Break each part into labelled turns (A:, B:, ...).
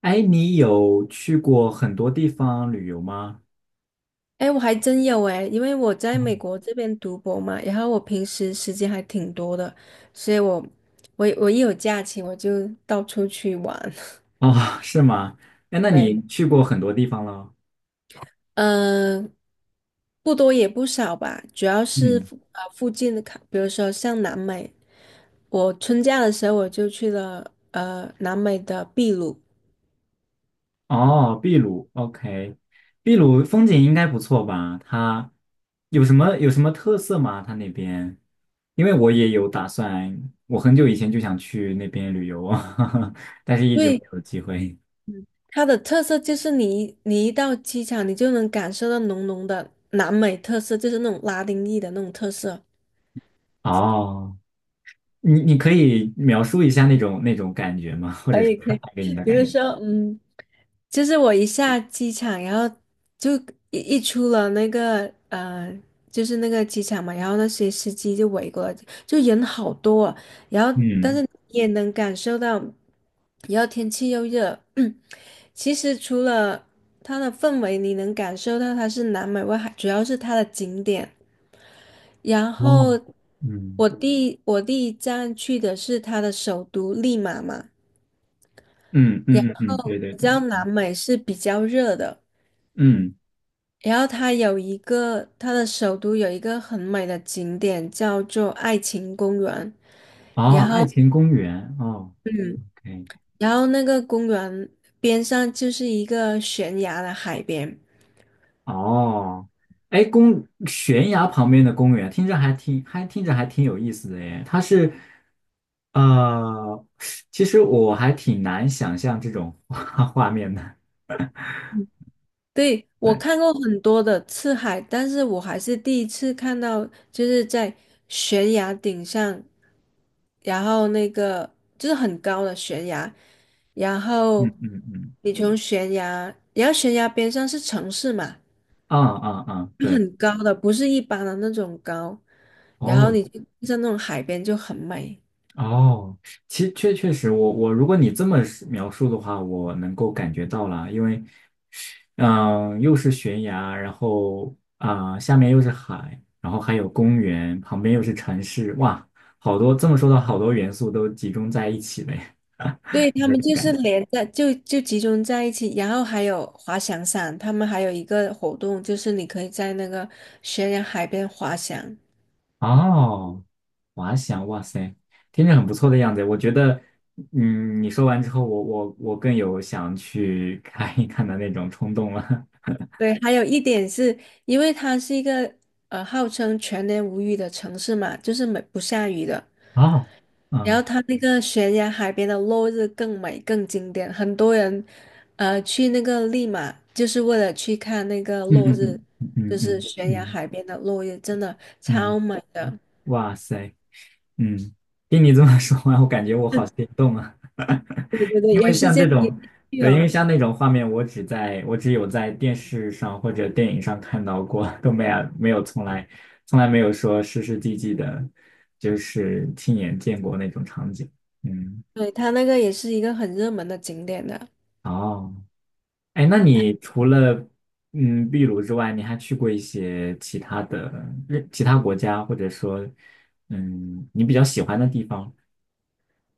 A: 哎，你有去过很多地方旅游吗？
B: 哎，我还真有哎，因为我在美
A: 嗯，
B: 国这边读博嘛，然后我平时时间还挺多的，所以我一有假期我就到处去玩。
A: 哦，是吗？哎，那你
B: 对，
A: 去过很多地方了？
B: 嗯、不多也不少吧，主要是
A: 嗯，
B: 附近的卡，比如说像南美，我春假的时候我就去了南美的秘鲁。
A: 哦，秘鲁，OK，秘鲁风景应该不错吧？它有什么特色吗？它那边，因为我也有打算，我很久以前就想去那边旅游，但是一
B: 因
A: 直没
B: 为
A: 有机会。
B: 它的特色就是你一到机场，你就能感受到浓浓的南美特色，就是那种拉丁裔的那种特色。
A: 哦，你可以描述一下那种感觉吗？或者是他带给你的
B: 比
A: 感
B: 如
A: 觉？
B: 说，就是我一下机场，然后就一出了就是那个机场嘛，然后那些司机就围过来，就人好多啊，然后但
A: 嗯
B: 是你也能感受到，然后天气又热。其实除了它的氛围，你能感受到它是南美外海，主要是它的景点。然
A: 哦，
B: 后
A: 嗯。
B: 我第一站去的是它的首都利马嘛，
A: 嗯嗯嗯嗯，对对
B: 你知
A: 对，
B: 道南美是比较热的。
A: 嗯，
B: 然后它有一个，它的首都有一个很美的景点叫做爱情公园，
A: 哦，爱情公园，哦，OK，
B: 然后那个公园边上就是一个悬崖的海边。
A: 哦，哎，公悬崖旁边的公园，听着还挺还听着还挺有意思的耶。它是呃，其实我还挺难想象这种画面的。
B: 对，我
A: 对，
B: 看过很多的次海，但是我还是第一次看到，就是在悬崖顶上，然后那个就是很高的悬崖，然
A: 嗯
B: 后
A: 嗯嗯，
B: 你从悬崖，然后悬崖边上是城市嘛。
A: 啊啊啊，对，
B: 很高的，不是一般的那种高。然后
A: 哦
B: 你像那种海边就很美。
A: 哦，其实确实我，我如果你这么描述的话，我能够感觉到了，因为。嗯，又是悬崖，然后下面又是海，然后还有公园，旁边又是城市，哇，好多，这么说的好多元素都集中在一起了耶，
B: 对，
A: 有
B: 他
A: 那
B: 们
A: 种
B: 就
A: 感
B: 是
A: 觉。
B: 连在就就集中在一起，然后还有滑翔伞，他们还有一个活动就是你可以在那个悬崖海边滑翔。
A: 哦，滑翔，哇塞，听着很不错的样子。我觉得，嗯，你说完之后，我更有想去看一看的那种冲动了。
B: 对，还有一点是因为它是一个号称全年无雨的城市嘛，就是没不下雨的，
A: 哦，
B: 然
A: 嗯
B: 后它那个悬崖海边的落日更美更经典，很多人去那个利马就是为了去看那个
A: 嗯
B: 落日，
A: 嗯
B: 就
A: 嗯
B: 是
A: 嗯
B: 悬崖
A: 嗯
B: 海边的落日，真的
A: 嗯，
B: 超美的。
A: 哇塞，嗯，听你这么说完，我感觉我好心 动啊！
B: 对对对，
A: 因
B: 有
A: 为
B: 时
A: 像
B: 间
A: 这
B: 一定
A: 种，
B: 去
A: 对，因为
B: 哦。
A: 像那种画面，我只有在电视上或者电影上看到过，都没有从来没有说实际的，就是亲眼见过那种场景。嗯，
B: 对，它那个也是一个很热门的景点的。
A: 哦，哎，那你除了秘鲁之外，你还去过一些其他的其他国家，或者说你比较喜欢的地方？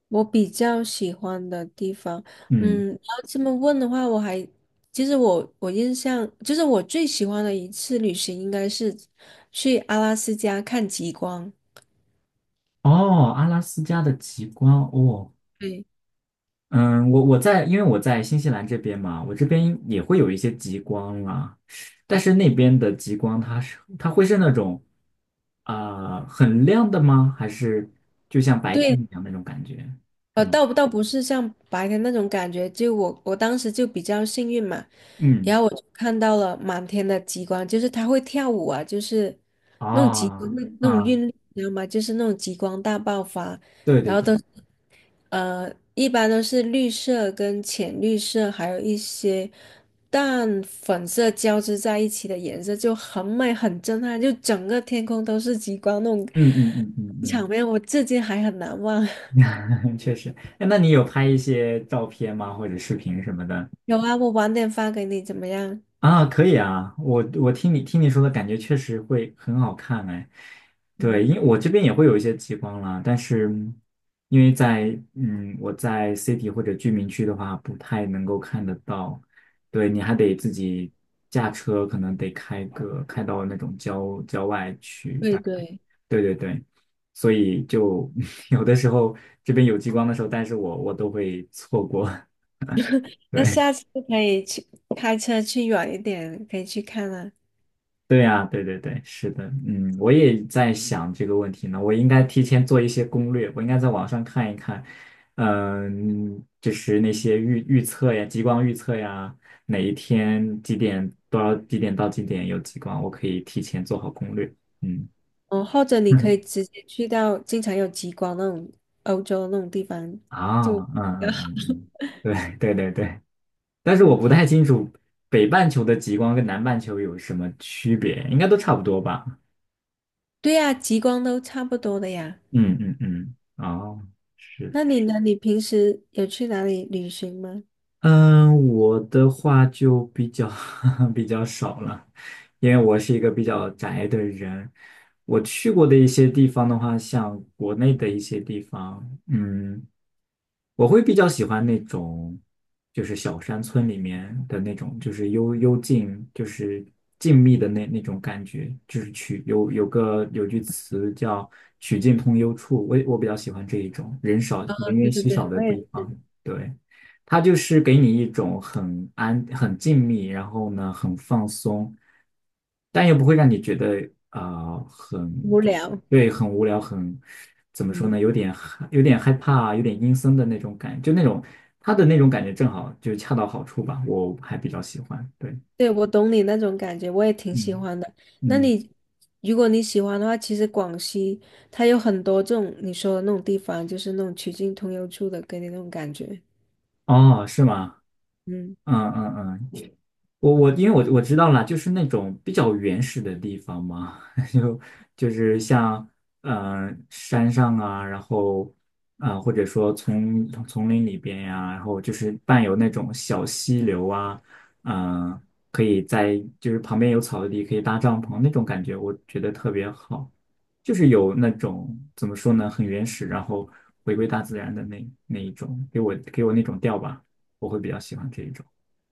B: 我比较喜欢的地方。
A: 嗯。
B: 嗯，然后这么问的话，其实我印象就是我最喜欢的一次旅行应该是去阿拉斯加看极光。
A: 哦，阿拉斯加的极光哦，
B: 对。
A: 嗯，我我在，因为我在新西兰这边嘛，我这边也会有一些极光啦，但是那边的极光它会是那种啊、很亮的吗？还是就像白天
B: 对，
A: 一样那种感觉，是
B: 呃，
A: 吗？
B: 倒不是像白天那种感觉，就我当时就比较幸运嘛，
A: 嗯，
B: 然后我就看到了满天的极光，就是它会跳舞啊，就是那种极光
A: 啊
B: 那种
A: 啊，
B: 韵律，你知道吗？就是那种极光大爆发，
A: 对
B: 然
A: 对
B: 后
A: 对，
B: 都是呃，一般都是绿色跟浅绿色，还有一些淡粉色交织在一起的颜色，就很美很震撼，就整个天空都是极光那种
A: 嗯嗯嗯嗯
B: 场面，我至今还很难忘。
A: 嗯，确实。哎，那你有拍一些照片吗？或者视频什么的？
B: 有啊，我晚点发给你，怎么样？
A: 啊，可以啊，我听你说的感觉确实会很好看哎，对，
B: 嗯，
A: 因为我这边也会有一些极光啦，但是因为我在 city 或者居民区的话，不太能够看得到，对，你还得自己驾车，可能得开到那种郊外去，大
B: 对
A: 概，
B: 对，
A: 对对对，所以就 有的时候这边有极光的时候，但是我都会错过，
B: 那
A: 对，
B: 下次可以去开车去远一点，可以去看啊。
A: 对呀，对对对，是的，嗯，我也在想这个问题呢。我应该提前做一些攻略，我应该在网上看一看，嗯，就是那些预测呀，极光预测呀，哪一天几点到几点有极光，我可以提前做好攻略。嗯，
B: 哦，或者你可以 直接去到经常有极光那种欧洲那种地方
A: 啊，
B: 就
A: 嗯
B: 比较
A: 嗯嗯
B: 好。
A: 嗯，对对对对，但是我
B: 嗯，
A: 不太清楚北半球的极光跟南半球有什么区别，应该都差不多吧？
B: 对呀，极光都差不多的呀。
A: 嗯嗯嗯，哦。是
B: 那你呢？你平时有去哪里旅行吗？
A: 嗯，我的话就比较 比较少了，因为我是一个比较宅的人。我去过的一些地方的话，像国内的一些地方，嗯。我会比较喜欢那种，就是小山村里面的那种，就是幽静，就是静谧的那种感觉。就是曲有有个有句词叫"曲径通幽处"，我比较喜欢这一种人少
B: 哦
A: 人
B: 对
A: 烟
B: 对
A: 稀
B: 对，
A: 少
B: 我
A: 的
B: 也
A: 地
B: 是。
A: 方。对，它就是给你一种很安、很静谧，然后呢很放松，但又不会让你觉得很
B: 无
A: 就是
B: 聊。
A: 对很无聊，很怎么说
B: 嗯。
A: 呢，有点害怕，有点阴森的那种感，就那种他的那种感觉正好就恰到好处吧，我还比较喜欢。对，
B: 对，我懂你那种感觉，我也挺喜
A: 嗯
B: 欢的。那
A: 嗯，
B: 你，如果你喜欢的话，其实广西它有很多这种你说的那种地方，就是那种曲径通幽处的，给你那种感觉。
A: 哦，是吗？
B: 嗯，
A: 嗯嗯嗯，因为我知道了，就是那种比较原始的地方嘛，就就是像山上啊，然后或者说丛林里边呀、然后就是伴有那种小溪流啊，嗯、可以在就是旁边有草地可以搭帐篷那种感觉，我觉得特别好，就是有那种怎么说呢，很原始，然后回归大自然的那一种，给我那种调吧，我会比较喜欢这一种。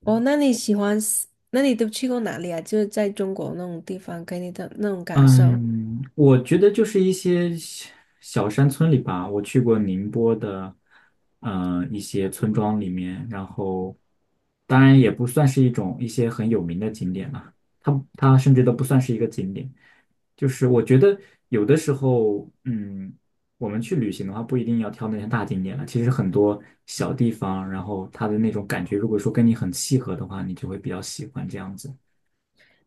B: 哦，那你喜欢那你都去过哪里啊？就是在中国那种地方，给你的那种感受。
A: 嗯，我觉得就是一些小山村里吧，我去过宁波的，一些村庄里面，然后当然也不算是一些很有名的景点了，它甚至都不算是一个景点，就是我觉得有的时候，嗯，我们去旅行的话，不一定要挑那些大景点了，其实很多小地方，然后它的那种感觉，如果说跟你很契合的话，你就会比较喜欢这样子，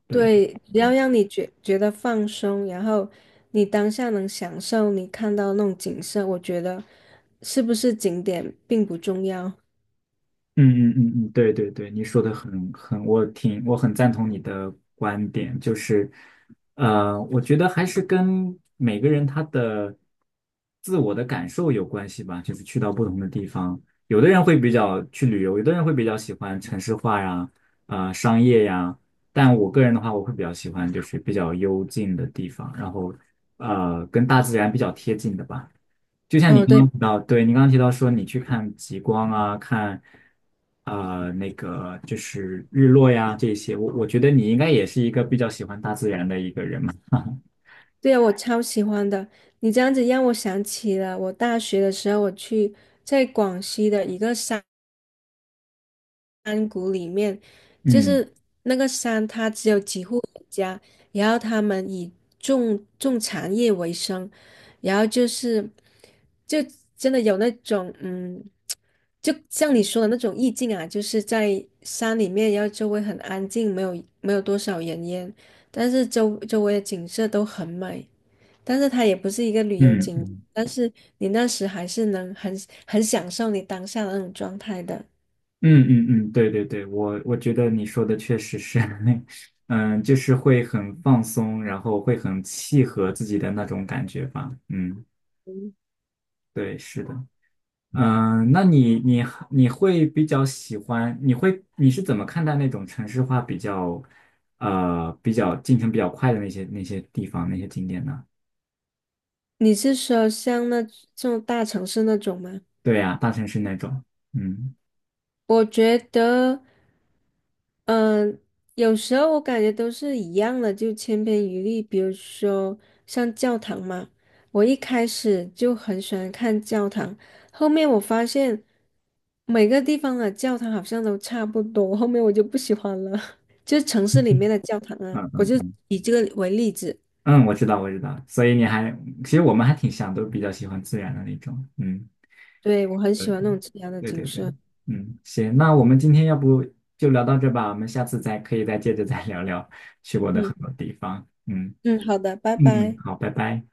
A: 对。
B: 对，只要让你觉得放松，然后你当下能享受你看到那种景色，我觉得是不是景点并不重要。
A: 嗯嗯嗯嗯，对对对，你说的很，我很赞同你的观点，就是，我觉得还是跟每个人他的自我的感受有关系吧，就是去到不同的地方，有的人会比较去旅游，有的人会比较喜欢城市化呀，商业呀，但我个人的话，我会比较喜欢就是比较幽静的地方，然后跟大自然比较贴近的吧。就像你
B: 嗯，
A: 刚
B: 对。
A: 刚提到，对你刚刚提到说你去看极光啊，看那个就是日落呀这些，我觉得你应该也是一个比较喜欢大自然的一个人嘛。
B: 对呀，我超喜欢的。你这样子让我想起了我大学的时候，我去在广西的一个山谷里面，就
A: 嗯
B: 是那个山它只有几户人家，然后他们以种茶叶为生，然后就是就真的有那种就像你说的那种意境啊，就是在山里面，然后周围很安静，没有多少人烟，但是周围的景色都很美。但是它也不是一个旅游景。
A: 嗯
B: 但是你那时还是能很享受你当下的那种状态的。
A: 嗯嗯嗯，对对对，我觉得你说的确实是，嗯，就是会很放松，然后会很契合自己的那种感觉吧。嗯，对，是的。嗯，那你会比较喜欢？你是怎么看待那种城市化比较，比较进程比较快的那些地方那些景点呢？
B: 你是说像这种大城市那种吗？
A: 对呀，大城市那种，嗯
B: 我觉得，嗯、有时候我感觉都是一样的，就千篇一律。比如说像教堂嘛，我一开始就很喜欢看教堂，后面我发现每个地方的教堂好像都差不多，后面我就不喜欢了。就是城市里面的教堂啊，我
A: 嗯
B: 就以这个为例子。
A: 嗯，我知道我知道，所以其实我们还挺像，都比较喜欢自然的那种，嗯，
B: 对，我很喜欢那种自然的
A: 对
B: 景
A: 对对，
B: 色。
A: 嗯，行，那我们今天要不就聊到这吧，我们下次再可以再接着再聊聊去过的很
B: 嗯
A: 多地方，嗯
B: 嗯，好的，拜
A: 嗯嗯，
B: 拜。
A: 好，拜拜。